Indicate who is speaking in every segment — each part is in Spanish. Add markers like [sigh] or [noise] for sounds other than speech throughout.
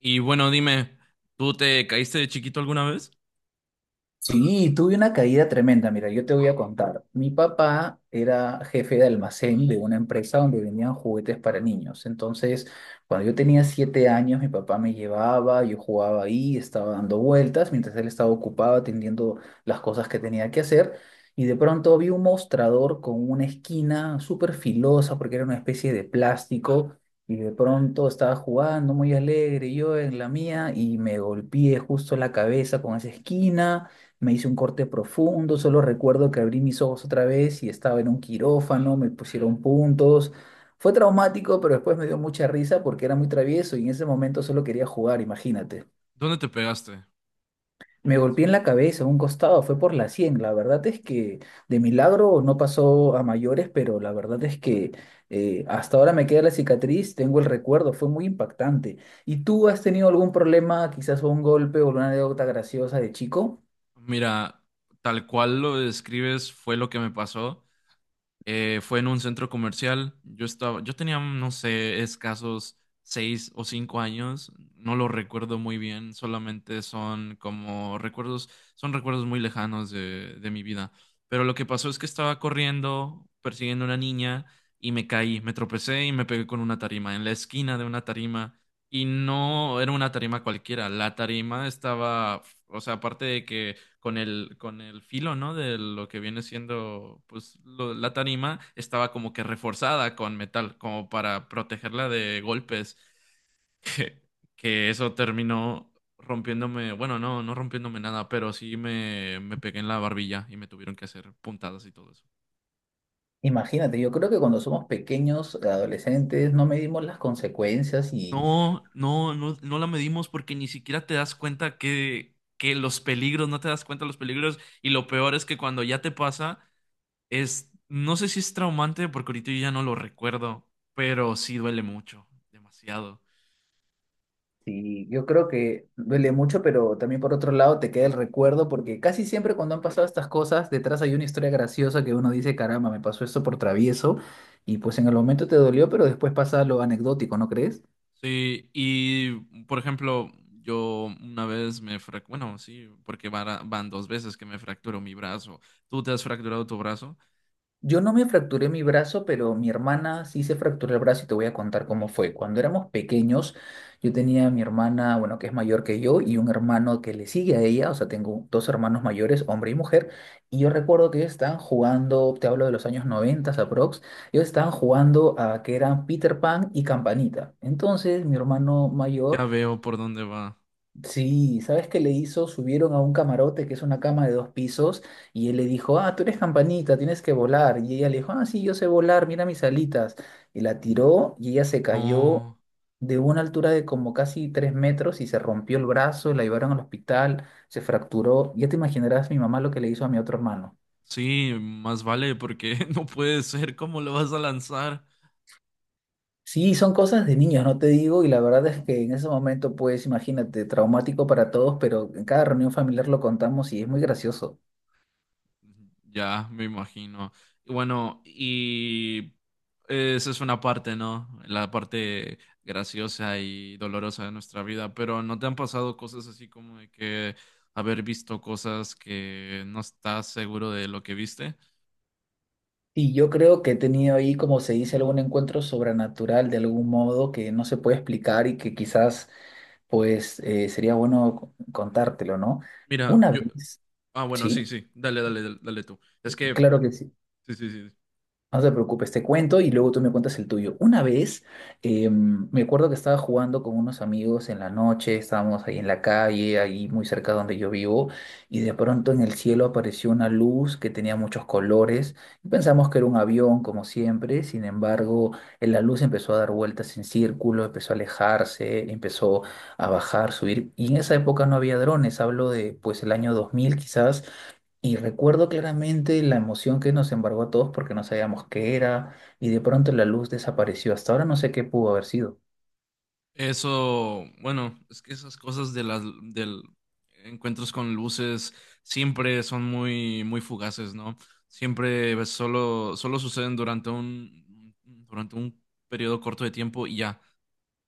Speaker 1: Y bueno, dime, ¿tú te caíste de chiquito alguna vez?
Speaker 2: Sí, tuve una caída tremenda. Mira, yo te voy a contar. Mi papá era jefe de almacén de una empresa donde vendían juguetes para niños. Entonces, cuando yo tenía 7 años, mi papá me llevaba, yo jugaba ahí, estaba dando vueltas, mientras él estaba ocupado atendiendo las cosas que tenía que hacer. Y de pronto vi un mostrador con una esquina súper filosa porque era una especie de plástico. Y de pronto estaba jugando muy alegre yo en la mía y me golpeé justo la cabeza con esa esquina. Me hice un corte profundo, solo recuerdo que abrí mis ojos otra vez y estaba en un quirófano, me pusieron puntos. Fue traumático, pero después me dio mucha risa porque era muy travieso y en ese momento solo quería jugar, imagínate.
Speaker 1: ¿Dónde te pegaste? O
Speaker 2: Me golpeé
Speaker 1: sea,
Speaker 2: en la cabeza, un costado, fue por la 100. La verdad es que de milagro no pasó a mayores, pero la verdad es que hasta ahora me queda la cicatriz, tengo el recuerdo, fue muy impactante. ¿Y tú has tenido algún problema, quizás un golpe o una anécdota graciosa de chico?
Speaker 1: mira, tal cual lo describes fue lo que me pasó. Fue en un centro comercial. Yo tenía, no sé, escasos 6 o 5 años. No lo recuerdo muy bien. Solamente son como recuerdos, son recuerdos muy lejanos de mi vida. Pero lo que pasó es que estaba corriendo, persiguiendo a una niña y me caí, me tropecé y me pegué con una tarima en la esquina de una tarima. Y no era una tarima cualquiera. La tarima estaba, o sea, aparte de que con el filo, ¿no? De lo que viene siendo, pues, la tarima estaba como que reforzada con metal, como para protegerla de golpes, [laughs] que, que eso terminó rompiéndome, bueno, no, no rompiéndome nada, pero sí me pegué en la barbilla y me tuvieron que hacer puntadas y todo eso.
Speaker 2: Imagínate, yo creo que cuando somos pequeños, adolescentes, no medimos las consecuencias, y,
Speaker 1: No, no, no, no la medimos porque ni siquiera te das cuenta que los peligros, no te das cuenta de los peligros y lo peor es que cuando ya te pasa. No sé si es traumante porque ahorita yo ya no lo recuerdo, pero sí duele mucho, demasiado.
Speaker 2: y yo creo que duele mucho, pero también por otro lado te queda el recuerdo porque casi siempre cuando han pasado estas cosas, detrás hay una historia graciosa que uno dice, caramba, me pasó esto por travieso y pues en el momento te dolió, pero después pasa lo anecdótico, ¿no crees?
Speaker 1: Sí, y por ejemplo, yo una vez bueno, sí, porque van dos veces que me fracturo mi brazo. ¿Tú te has fracturado tu brazo?
Speaker 2: Yo no me fracturé mi brazo, pero mi hermana sí se fracturó el brazo y te voy a contar cómo fue. Cuando éramos pequeños, yo tenía a mi hermana, bueno, que es mayor que yo, y un hermano que le sigue a ella, o sea, tengo dos hermanos mayores, hombre y mujer, y yo recuerdo que ellos estaban jugando, te hablo de los años 90 aprox, ellos estaban jugando a que eran Peter Pan y Campanita. Entonces, mi hermano
Speaker 1: Ya
Speaker 2: mayor.
Speaker 1: veo por dónde va.
Speaker 2: Sí, ¿sabes qué le hizo? Subieron a un camarote que es una cama de dos pisos y él le dijo, ah, tú eres Campanita, tienes que volar. Y ella le dijo, ah, sí, yo sé volar, mira mis alitas. Y la tiró y ella se cayó
Speaker 1: No,
Speaker 2: de una altura de como casi 3 metros y se rompió el brazo, la llevaron al hospital, se fracturó. Ya te imaginarás mi mamá lo que le hizo a mi otro hermano.
Speaker 1: sí, más vale porque [laughs] no puede ser, ¿cómo lo vas a lanzar?
Speaker 2: Sí, son cosas de niños, no te digo, y la verdad es que en ese momento, pues, imagínate, traumático para todos, pero en cada reunión familiar lo contamos y es muy gracioso.
Speaker 1: Ya, me imagino. Y bueno, y esa es una parte, ¿no? La parte graciosa y dolorosa de nuestra vida, pero ¿no te han pasado cosas así como de que haber visto cosas que no estás seguro de lo que viste?
Speaker 2: Y yo creo que he tenido ahí, como se dice, algún encuentro sobrenatural de algún modo que no se puede explicar y que quizás, pues, sería bueno contártelo, ¿no?
Speaker 1: Mira,
Speaker 2: Una
Speaker 1: yo.
Speaker 2: vez,
Speaker 1: Ah, bueno, sí,
Speaker 2: sí,
Speaker 1: sí, dale, dale, dale, dale tú. Es que.
Speaker 2: claro que sí.
Speaker 1: Sí, sí, sí.
Speaker 2: No te preocupes, te cuento y luego tú me cuentas el tuyo. Una vez, me acuerdo que estaba jugando con unos amigos en la noche, estábamos ahí en la calle, ahí muy cerca donde yo vivo, y de pronto en el cielo apareció una luz que tenía muchos colores. Pensamos que era un avión, como siempre, sin embargo, la luz empezó a dar vueltas en círculo, empezó a alejarse, empezó a bajar, subir, y en esa época no había drones, hablo de pues el año 2000 quizás. Y recuerdo claramente la emoción que nos embargó a todos porque no sabíamos qué era y de pronto la luz desapareció. Hasta ahora no sé qué pudo haber sido.
Speaker 1: Eso, bueno, es que esas cosas de las del encuentros con luces siempre son muy muy fugaces, ¿no? Siempre solo suceden durante un periodo corto de tiempo y ya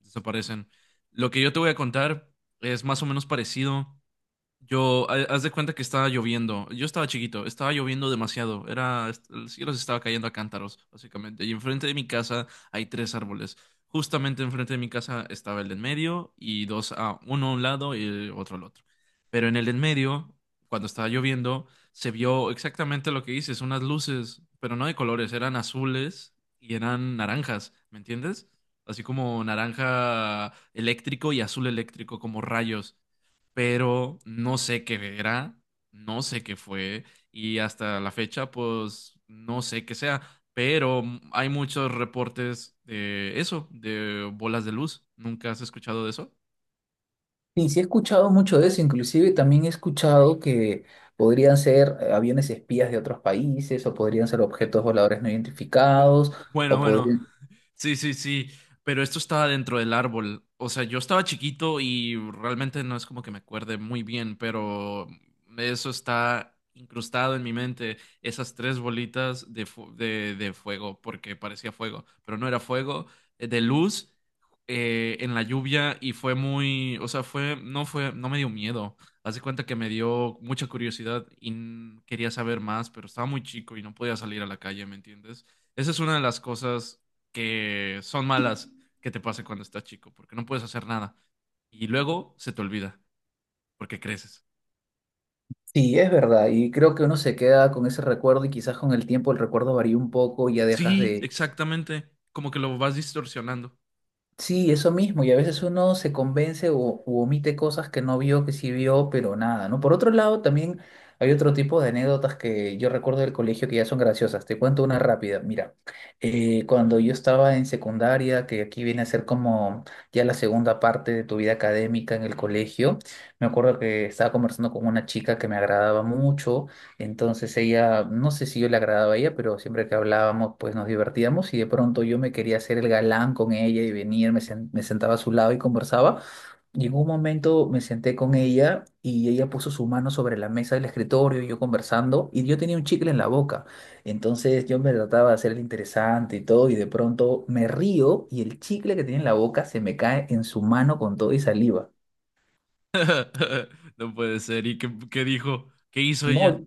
Speaker 1: desaparecen. Lo que yo te voy a contar es más o menos parecido. Yo, haz de cuenta que estaba lloviendo. Yo estaba chiquito, estaba lloviendo demasiado. El cielo se estaba cayendo a cántaros, básicamente. Y enfrente de mi casa hay tres árboles. Justamente enfrente de mi casa estaba el de en medio y dos a uno a un lado y el otro al otro. Pero en el de en medio, cuando estaba lloviendo, se vio exactamente lo que dices, unas luces, pero no de colores, eran azules y eran naranjas, ¿me entiendes? Así como naranja eléctrico y azul eléctrico, como rayos, pero no sé qué era, no sé qué fue y hasta la fecha pues no sé qué sea, pero hay muchos reportes de eso, de bolas de luz. ¿Nunca has escuchado de eso?
Speaker 2: Sí, he escuchado mucho de eso, inclusive también he escuchado que podrían ser aviones espías de otros países o podrían ser objetos voladores no identificados
Speaker 1: Bueno,
Speaker 2: o
Speaker 1: bueno.
Speaker 2: podrían...
Speaker 1: Sí, sí, sí, pero esto estaba dentro del árbol. O sea, yo estaba chiquito y realmente no es como que me acuerde muy bien, pero eso está incrustado en mi mente, esas tres bolitas de fuego, porque parecía fuego, pero no era fuego, de luz, en la lluvia y fue muy, o sea, fue, no me dio miedo. Haz de cuenta que me dio mucha curiosidad y quería saber más, pero estaba muy chico y no podía salir a la calle, ¿me entiendes? Esa es una de las cosas que son malas que te pase cuando estás chico, porque no puedes hacer nada. Y luego se te olvida, porque creces.
Speaker 2: Sí, es verdad, y creo que uno se queda con ese recuerdo y quizás con el tiempo el recuerdo varía un poco y ya dejas
Speaker 1: Sí,
Speaker 2: de.
Speaker 1: exactamente. Como que lo vas distorsionando.
Speaker 2: Sí, eso mismo, y a veces uno se convence o u omite cosas que no vio, que sí vio, pero nada, ¿no? Por otro lado, también hay otro tipo de anécdotas que yo recuerdo del colegio que ya son graciosas. Te cuento una rápida. Mira, cuando yo estaba en secundaria, que aquí viene a ser como ya la segunda parte de tu vida académica en el colegio, me acuerdo que estaba conversando con una chica que me agradaba mucho. Entonces ella, no sé si yo le agradaba a ella, pero siempre que hablábamos, pues nos divertíamos y de pronto yo me quería hacer el galán con ella y venir, me sentaba a su lado y conversaba. Y en un momento me senté con ella y ella puso su mano sobre la mesa del escritorio y yo conversando y yo tenía un chicle en la boca. Entonces yo me trataba de hacer el interesante y todo y de pronto me río y el chicle que tenía en la boca se me cae en su mano con todo y saliva.
Speaker 1: [laughs] No puede ser. ¿Y qué dijo? ¿Qué hizo ella?
Speaker 2: No,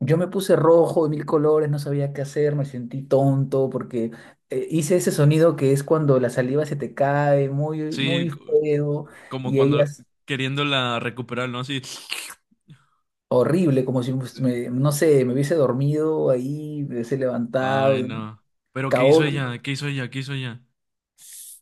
Speaker 2: yo me puse rojo de mil colores, no sabía qué hacer, me sentí tonto porque hice ese sonido que es cuando la saliva se te cae, muy,
Speaker 1: Sí,
Speaker 2: muy feo,
Speaker 1: como
Speaker 2: y
Speaker 1: cuando
Speaker 2: ellas,
Speaker 1: queriéndola recuperar, ¿no? Así.
Speaker 2: horrible, como si pues, no sé, me hubiese dormido ahí, me hubiese levantado,
Speaker 1: Ay, no. Pero ¿qué hizo
Speaker 2: caótico.
Speaker 1: ella? ¿Qué hizo ella? ¿Qué hizo ella?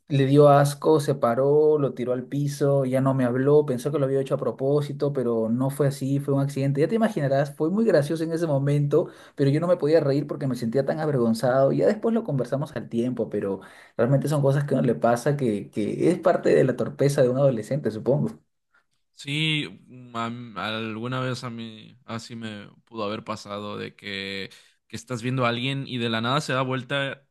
Speaker 2: Le dio asco, se paró, lo tiró al piso, ya no me habló, pensó que lo había hecho a propósito, pero no fue así, fue un accidente. Ya te imaginarás, fue muy gracioso en ese momento, pero yo no me podía reír porque me sentía tan avergonzado. Ya después lo conversamos al tiempo, pero realmente son cosas que a uno le pasa que es parte de la torpeza de un adolescente, supongo.
Speaker 1: Sí, mm, a alguna vez a mí así me pudo haber pasado de que estás viendo a alguien y de la nada se da vuelta,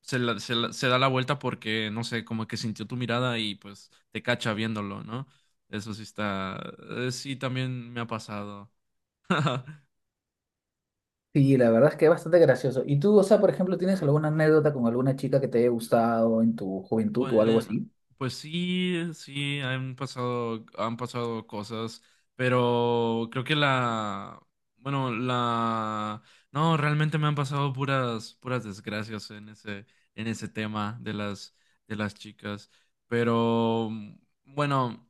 Speaker 1: se da la vuelta porque, no sé, como que sintió tu mirada y pues te cacha viéndolo, ¿no? Eso sí está, sí también me ha pasado. [laughs]
Speaker 2: Sí, la verdad es que es bastante gracioso. ¿Y tú, o sea, por ejemplo, tienes alguna anécdota con alguna chica que te haya gustado en tu juventud o algo
Speaker 1: Bueno,
Speaker 2: así?
Speaker 1: pues sí, sí, han pasado cosas, pero creo que bueno, no, realmente me han pasado puras desgracias en ese tema de las chicas, pero bueno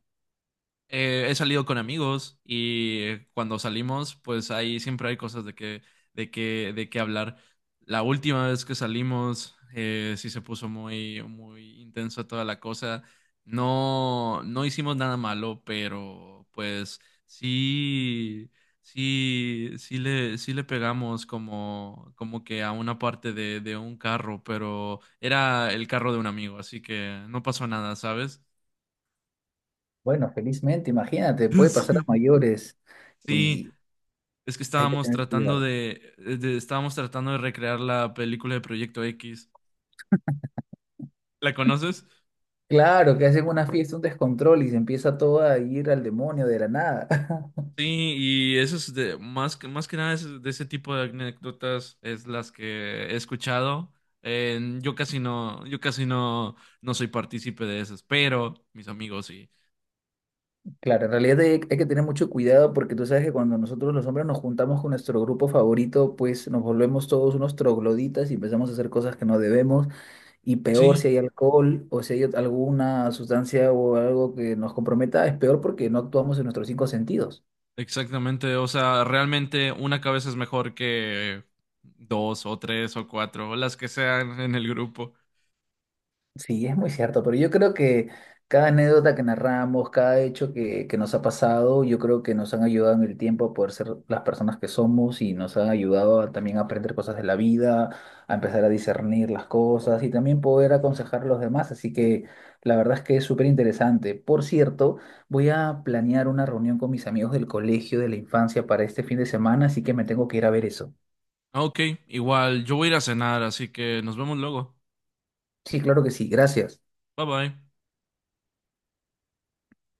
Speaker 1: he salido con amigos y cuando salimos, pues ahí siempre hay cosas de que hablar. La última vez que salimos, sí se puso muy, muy intensa toda la cosa. No, no hicimos nada malo, pero pues sí, sí, sí le pegamos como que a una parte de un carro, pero era el carro de un amigo, así que no pasó nada, ¿sabes?
Speaker 2: Bueno, felizmente, imagínate,
Speaker 1: [laughs]
Speaker 2: puede pasar a
Speaker 1: Sí.
Speaker 2: mayores.
Speaker 1: Sí,
Speaker 2: Y
Speaker 1: es que
Speaker 2: hay que tener cuidado.
Speaker 1: estábamos tratando de recrear la película de Proyecto X. ¿La conoces?
Speaker 2: Claro, que hacen una fiesta, un descontrol y se empieza todo a ir al demonio de la nada. [laughs]
Speaker 1: Sí, y eso es de más que nada es de ese tipo de anécdotas es las que he escuchado. Yo casi no, no soy partícipe de esas, pero mis amigos sí.
Speaker 2: Claro, en realidad hay que tener mucho cuidado porque tú sabes que cuando nosotros los hombres nos juntamos con nuestro grupo favorito, pues nos volvemos todos unos trogloditas y empezamos a hacer cosas que no debemos. Y peor
Speaker 1: Sí,
Speaker 2: si hay alcohol o si hay alguna sustancia o algo que nos comprometa, es peor porque no actuamos en nuestros cinco sentidos.
Speaker 1: exactamente. O sea, realmente una cabeza es mejor que dos o tres o cuatro, o las que sean en el grupo.
Speaker 2: Sí, es muy cierto, pero yo creo que cada anécdota que narramos, cada hecho que nos ha pasado, yo creo que nos han ayudado en el tiempo a poder ser las personas que somos y nos han ayudado a también aprender cosas de la vida, a empezar a discernir las cosas y también poder aconsejar a los demás. Así que la verdad es que es súper interesante. Por cierto, voy a planear una reunión con mis amigos del colegio de la infancia para este fin de semana, así que me tengo que ir a ver eso.
Speaker 1: Ah, Ok, igual, yo voy a ir a cenar, así que nos vemos luego.
Speaker 2: Sí, claro que sí, gracias.
Speaker 1: Bye bye.